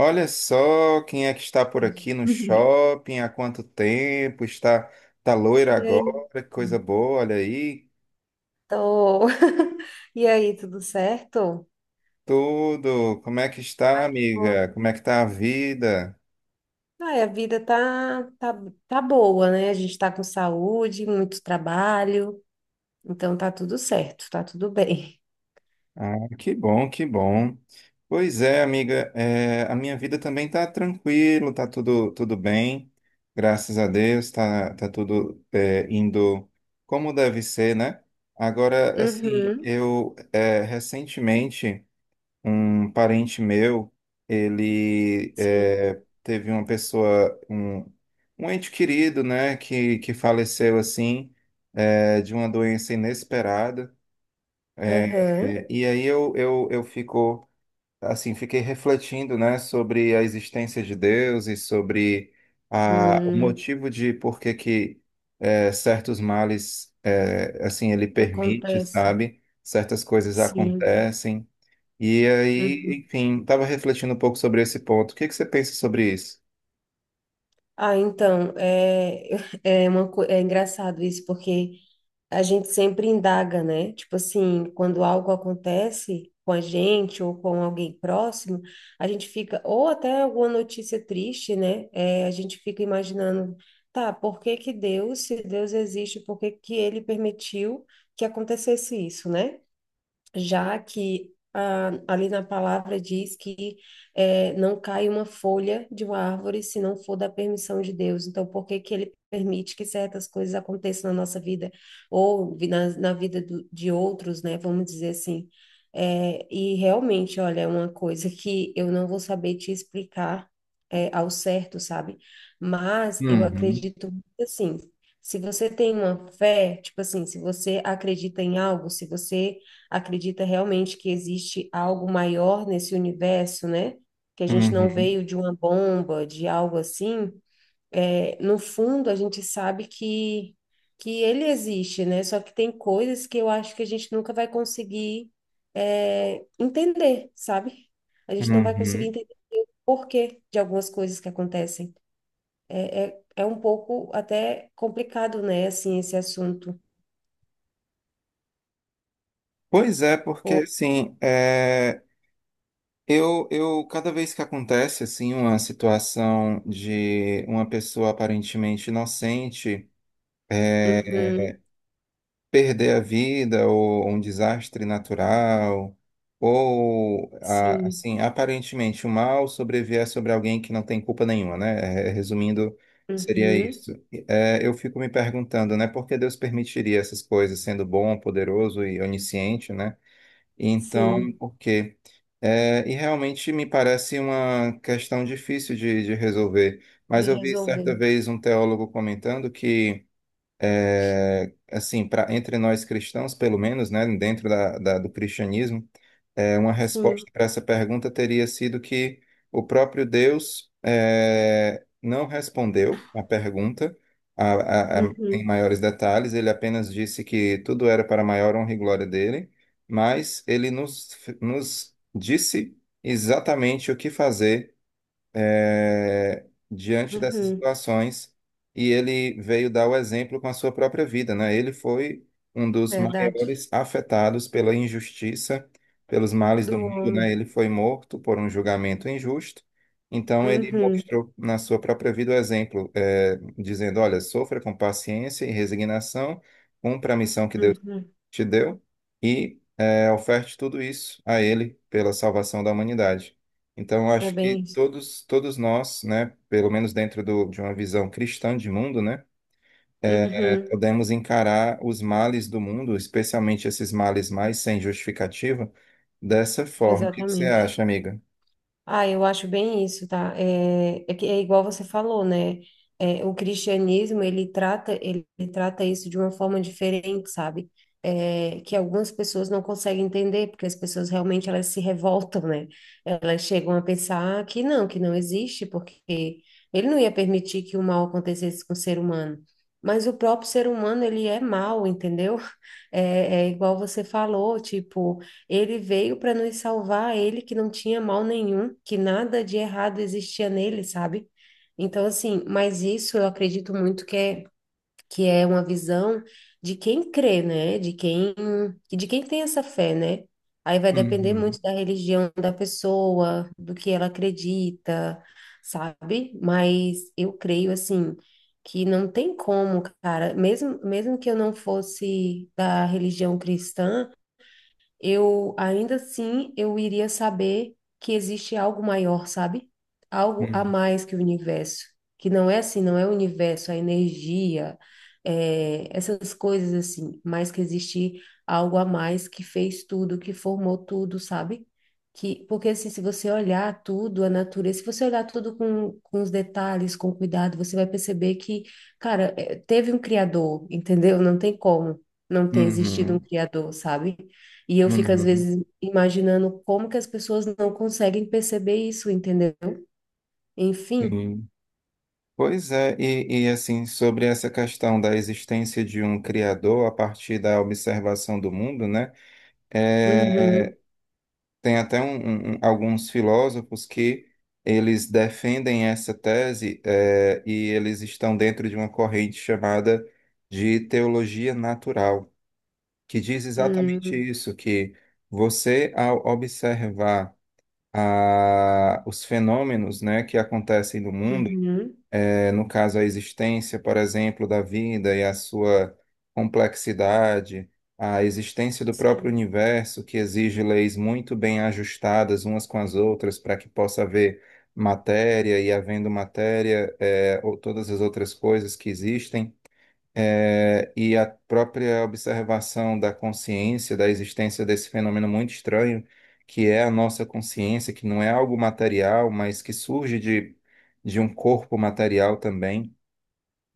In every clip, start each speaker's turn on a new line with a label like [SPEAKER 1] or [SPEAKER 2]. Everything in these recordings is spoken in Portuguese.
[SPEAKER 1] Olha só quem é que está por aqui no shopping, há quanto tempo, está, tá loira
[SPEAKER 2] E aí?
[SPEAKER 1] agora, que coisa boa, olha aí,
[SPEAKER 2] Tô. E aí, tudo certo?
[SPEAKER 1] tudo, como é que está,
[SPEAKER 2] Ai, que bom.
[SPEAKER 1] amiga, como é que está a vida?
[SPEAKER 2] Ai, a vida tá boa, né? A gente tá com saúde, muito trabalho, então tá tudo certo, tá tudo bem.
[SPEAKER 1] Ah, que bom, que bom. Pois é, amiga, a minha vida também está tranquilo, tá tudo bem, graças a Deus, tá tudo indo como deve ser, né? Agora, assim,
[SPEAKER 2] Uhum,
[SPEAKER 1] eu recentemente... Um parente meu, ele
[SPEAKER 2] sim.
[SPEAKER 1] teve uma pessoa, um ente querido, né, que faleceu assim, de uma doença inesperada. É,
[SPEAKER 2] Aham.
[SPEAKER 1] e aí eu fico, assim, fiquei refletindo, né, sobre a existência de Deus e sobre a, o
[SPEAKER 2] Hum,
[SPEAKER 1] motivo de por que que certos males, é, assim, ele permite,
[SPEAKER 2] Acontece.
[SPEAKER 1] sabe? Certas coisas
[SPEAKER 2] Sim.
[SPEAKER 1] acontecem. E aí,
[SPEAKER 2] Uhum.
[SPEAKER 1] enfim, estava refletindo um pouco sobre esse ponto. O que que você pensa sobre isso?
[SPEAKER 2] Ah, então, é, é, é engraçado isso, porque a gente sempre indaga, né? Tipo assim, quando algo acontece com a gente ou com alguém próximo, a gente fica, ou até alguma notícia triste, né? É, a gente fica imaginando, tá, por que que Deus, se Deus existe, por que que ele permitiu que acontecesse isso, né? Já que ah, ali na palavra diz que não cai uma folha de uma árvore se não for da permissão de Deus. Então, por que que ele permite que certas coisas aconteçam na nossa vida ou na vida de outros, né? Vamos dizer assim. E realmente, olha, é uma coisa que eu não vou saber te explicar ao certo, sabe? Mas eu
[SPEAKER 1] Uhum,
[SPEAKER 2] acredito assim. Se você tem uma fé, tipo assim, se você acredita em algo, se você acredita realmente que existe algo maior nesse universo, né? Que a gente não
[SPEAKER 1] uhum,
[SPEAKER 2] veio de uma bomba, de algo assim. É, no fundo, a gente sabe que ele existe, né? Só que tem coisas que eu acho que a gente nunca vai conseguir, é, entender, sabe? A gente não vai conseguir
[SPEAKER 1] uhum.
[SPEAKER 2] entender o porquê de algumas coisas que acontecem. É, é um pouco até complicado, né? Assim, esse assunto.
[SPEAKER 1] Pois é, porque
[SPEAKER 2] Pô.
[SPEAKER 1] assim, eu cada vez que acontece assim uma situação de uma pessoa aparentemente inocente eh,
[SPEAKER 2] Uhum,
[SPEAKER 1] perder a vida ou um desastre natural, ou
[SPEAKER 2] sim,
[SPEAKER 1] assim, aparentemente o mal sobrevier sobre alguém que não tem culpa nenhuma, né? É, resumindo, seria
[SPEAKER 2] uhum,
[SPEAKER 1] isso. É, eu fico me perguntando, né, por que Deus permitiria essas coisas, sendo bom, poderoso e onisciente, né? Então,
[SPEAKER 2] sim.
[SPEAKER 1] por quê? É, e realmente me parece uma questão difícil de resolver.
[SPEAKER 2] De
[SPEAKER 1] Mas eu vi
[SPEAKER 2] resolver.
[SPEAKER 1] certa vez um teólogo comentando que assim, para entre nós cristãos, pelo menos, né, dentro do cristianismo, é, uma
[SPEAKER 2] Sim.
[SPEAKER 1] resposta para essa pergunta teria sido que o próprio Deus não respondeu a pergunta em
[SPEAKER 2] Uhum.
[SPEAKER 1] maiores detalhes, ele apenas disse que tudo era para a maior honra e glória dele, mas ele nos disse exatamente o que fazer é, diante dessas
[SPEAKER 2] Uhum.
[SPEAKER 1] situações e ele veio dar o exemplo com a sua própria vida, né? Ele foi um dos
[SPEAKER 2] Verdade.
[SPEAKER 1] maiores afetados pela injustiça, pelos males do
[SPEAKER 2] Do
[SPEAKER 1] mundo, né?
[SPEAKER 2] homem.
[SPEAKER 1] Ele foi morto por um julgamento injusto, então ele
[SPEAKER 2] Uhum.
[SPEAKER 1] mostrou na sua própria vida o exemplo, é, dizendo, olha, sofra com paciência e resignação, cumpra a missão que Deus
[SPEAKER 2] Uhum.
[SPEAKER 1] te deu e oferte tudo isso a Ele pela salvação da humanidade. Então, eu
[SPEAKER 2] É
[SPEAKER 1] acho que
[SPEAKER 2] bem isso.
[SPEAKER 1] todos nós, né, pelo menos dentro do, de uma visão cristã de mundo, né,
[SPEAKER 2] Uhum.
[SPEAKER 1] podemos encarar os males do mundo, especialmente esses males mais sem justificativa, dessa forma. O que que você
[SPEAKER 2] Exatamente.
[SPEAKER 1] acha, amiga?
[SPEAKER 2] Ah, eu acho bem isso, tá? É, é que é igual você falou, né? É, o cristianismo, ele trata isso de uma forma diferente, sabe? É, que algumas pessoas não conseguem entender, porque as pessoas realmente elas se revoltam, né? Elas chegam a pensar que não existe, porque ele não ia permitir que o mal acontecesse com o ser humano. Mas o próprio ser humano, ele é mal, entendeu? É igual você falou, tipo. Ele veio para nos salvar, ele que não tinha mal nenhum, que nada de errado existia nele, sabe? Então, assim, mas isso eu acredito muito que é uma visão de quem crê, né? De quem tem essa fé, né? Aí vai depender
[SPEAKER 1] Uhum,
[SPEAKER 2] muito da religião da pessoa, do que ela acredita, sabe? Mas eu creio, assim, que não tem como, cara, mesmo, mesmo que eu não fosse da religião cristã, eu ainda assim eu iria saber que existe algo maior, sabe? Algo a
[SPEAKER 1] uhum,
[SPEAKER 2] mais que o universo, que não é assim, não é o universo, a energia, é, essas coisas assim, mas que existe algo a mais que fez tudo, que formou tudo, sabe? Que, porque assim, se você olhar tudo, a natureza, se você olhar tudo com os detalhes, com cuidado, você vai perceber que, cara, é, teve um criador, entendeu? Não tem como não ter existido um
[SPEAKER 1] uhum,
[SPEAKER 2] criador, sabe? E eu fico, às
[SPEAKER 1] uhum,
[SPEAKER 2] vezes, imaginando como que as pessoas não conseguem perceber isso, entendeu? Enfim.
[SPEAKER 1] sim. Pois é, e assim, sobre essa questão da existência de um criador a partir da observação do mundo, né? É,
[SPEAKER 2] Uhum,
[SPEAKER 1] tem até um, alguns filósofos que eles defendem essa tese, é, e eles estão dentro de uma corrente chamada de teologia natural, que diz exatamente
[SPEAKER 2] uhum,
[SPEAKER 1] isso, que você, ao observar os fenômenos, né, que acontecem no mundo,
[SPEAKER 2] uhum.
[SPEAKER 1] eh, no caso, a existência, por exemplo, da vida e a sua complexidade, a existência do próprio
[SPEAKER 2] Sim.
[SPEAKER 1] universo, que exige leis muito bem ajustadas umas com as outras para que possa haver matéria e, havendo matéria, eh, ou todas as outras coisas que existem. É, e a própria observação da consciência, da existência desse fenômeno muito estranho, que é a nossa consciência, que não é algo material, mas que surge de um corpo material também.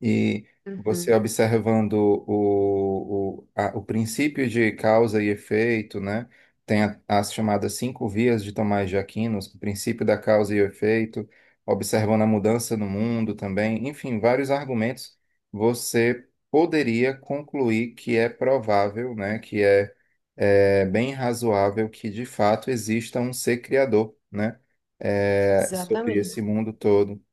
[SPEAKER 1] E você
[SPEAKER 2] Uhum,
[SPEAKER 1] observando o princípio de causa e efeito, né? Tem as chamadas cinco vias de Tomás de Aquino, o princípio da causa e efeito, observando a mudança no mundo também, enfim, vários argumentos, você poderia concluir que é provável, né? Que é bem razoável que de fato exista um ser criador, né? É, sobre
[SPEAKER 2] exatamente.
[SPEAKER 1] esse mundo todo.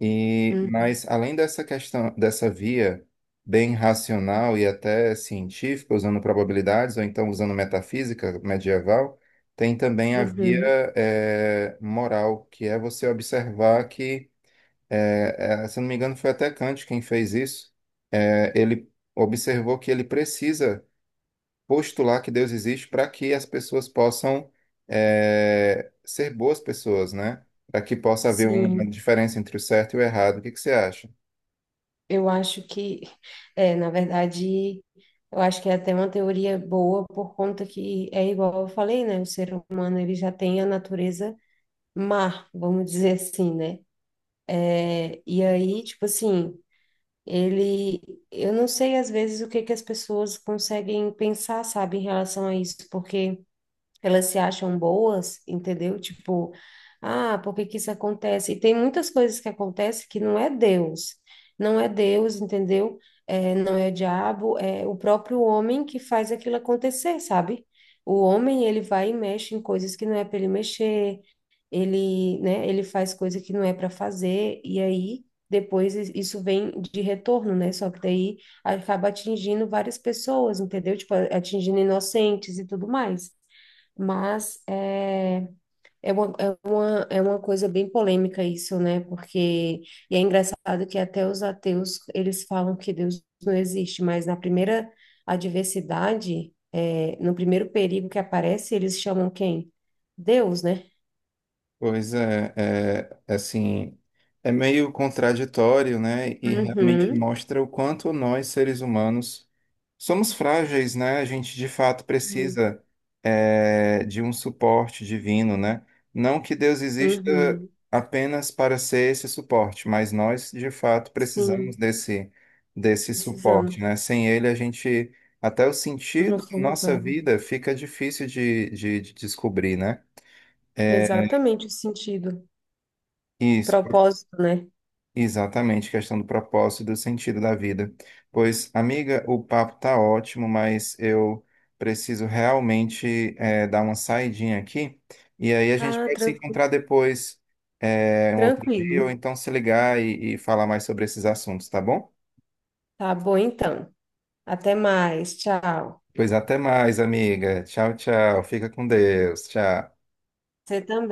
[SPEAKER 1] E,
[SPEAKER 2] Uhum,
[SPEAKER 1] mas além dessa questão, dessa via bem racional e até científica, usando probabilidades, ou então usando metafísica medieval, tem também a via
[SPEAKER 2] uhum,
[SPEAKER 1] eh, moral, que é você observar que, se eu não me engano, foi até Kant quem fez isso. Ele observou que ele precisa postular que Deus existe para que as pessoas possam ser boas pessoas, né? Para que possa haver uma
[SPEAKER 2] sim.
[SPEAKER 1] diferença entre o certo e o errado. O que que você acha?
[SPEAKER 2] Eu acho que, é, na verdade, eu acho que é até uma teoria boa por conta que é igual eu falei, né? O ser humano ele já tem a natureza má, vamos dizer assim, né? E aí, tipo assim, ele, eu não sei às vezes o que que as pessoas conseguem pensar, sabe, em relação a isso, porque elas se acham boas, entendeu? Tipo, ah, por que que isso acontece? E tem muitas coisas que acontecem que não é Deus, não é Deus, entendeu? É, não é o diabo, é o próprio homem que faz aquilo acontecer, sabe? O homem, ele vai e mexe em coisas que não é para ele mexer, ele, né, ele faz coisa que não é para fazer, e aí depois isso vem de retorno, né? Só que daí acaba atingindo várias pessoas, entendeu? Tipo, atingindo inocentes e tudo mais. Mas é, é uma coisa bem polêmica isso, né? Porque, e é engraçado que até os ateus, eles falam que Deus não existe, mas na primeira adversidade, é, no primeiro perigo que aparece, eles chamam quem? Deus, né?
[SPEAKER 1] Pois é, é, assim, é meio contraditório, né? E realmente
[SPEAKER 2] Uhum.
[SPEAKER 1] mostra o quanto nós, seres humanos, somos frágeis, né? A gente de fato
[SPEAKER 2] Sim,
[SPEAKER 1] precisa de um suporte divino, né? Não que Deus exista
[SPEAKER 2] uhum,
[SPEAKER 1] apenas para ser esse suporte, mas nós de fato precisamos
[SPEAKER 2] sim,
[SPEAKER 1] desse
[SPEAKER 2] precisamos.
[SPEAKER 1] suporte, né? Sem ele, a gente, até o
[SPEAKER 2] Não
[SPEAKER 1] sentido da
[SPEAKER 2] somos
[SPEAKER 1] nossa
[SPEAKER 2] nada.
[SPEAKER 1] vida fica difícil de descobrir, né? É,
[SPEAKER 2] Exatamente o sentido, o
[SPEAKER 1] isso.
[SPEAKER 2] propósito, né?
[SPEAKER 1] Exatamente, questão do propósito e do sentido da vida. Pois, amiga, o papo tá ótimo, mas eu preciso realmente eh, dar uma saidinha aqui. E aí a gente
[SPEAKER 2] Ah,
[SPEAKER 1] pode se
[SPEAKER 2] tranquilo,
[SPEAKER 1] encontrar depois, eh, um outro dia, ou
[SPEAKER 2] tranquilo.
[SPEAKER 1] então se ligar e falar mais sobre esses assuntos, tá bom?
[SPEAKER 2] Tá bom, então. Até mais. Tchau.
[SPEAKER 1] Pois até mais, amiga. Tchau, tchau. Fica com Deus. Tchau.
[SPEAKER 2] Você também.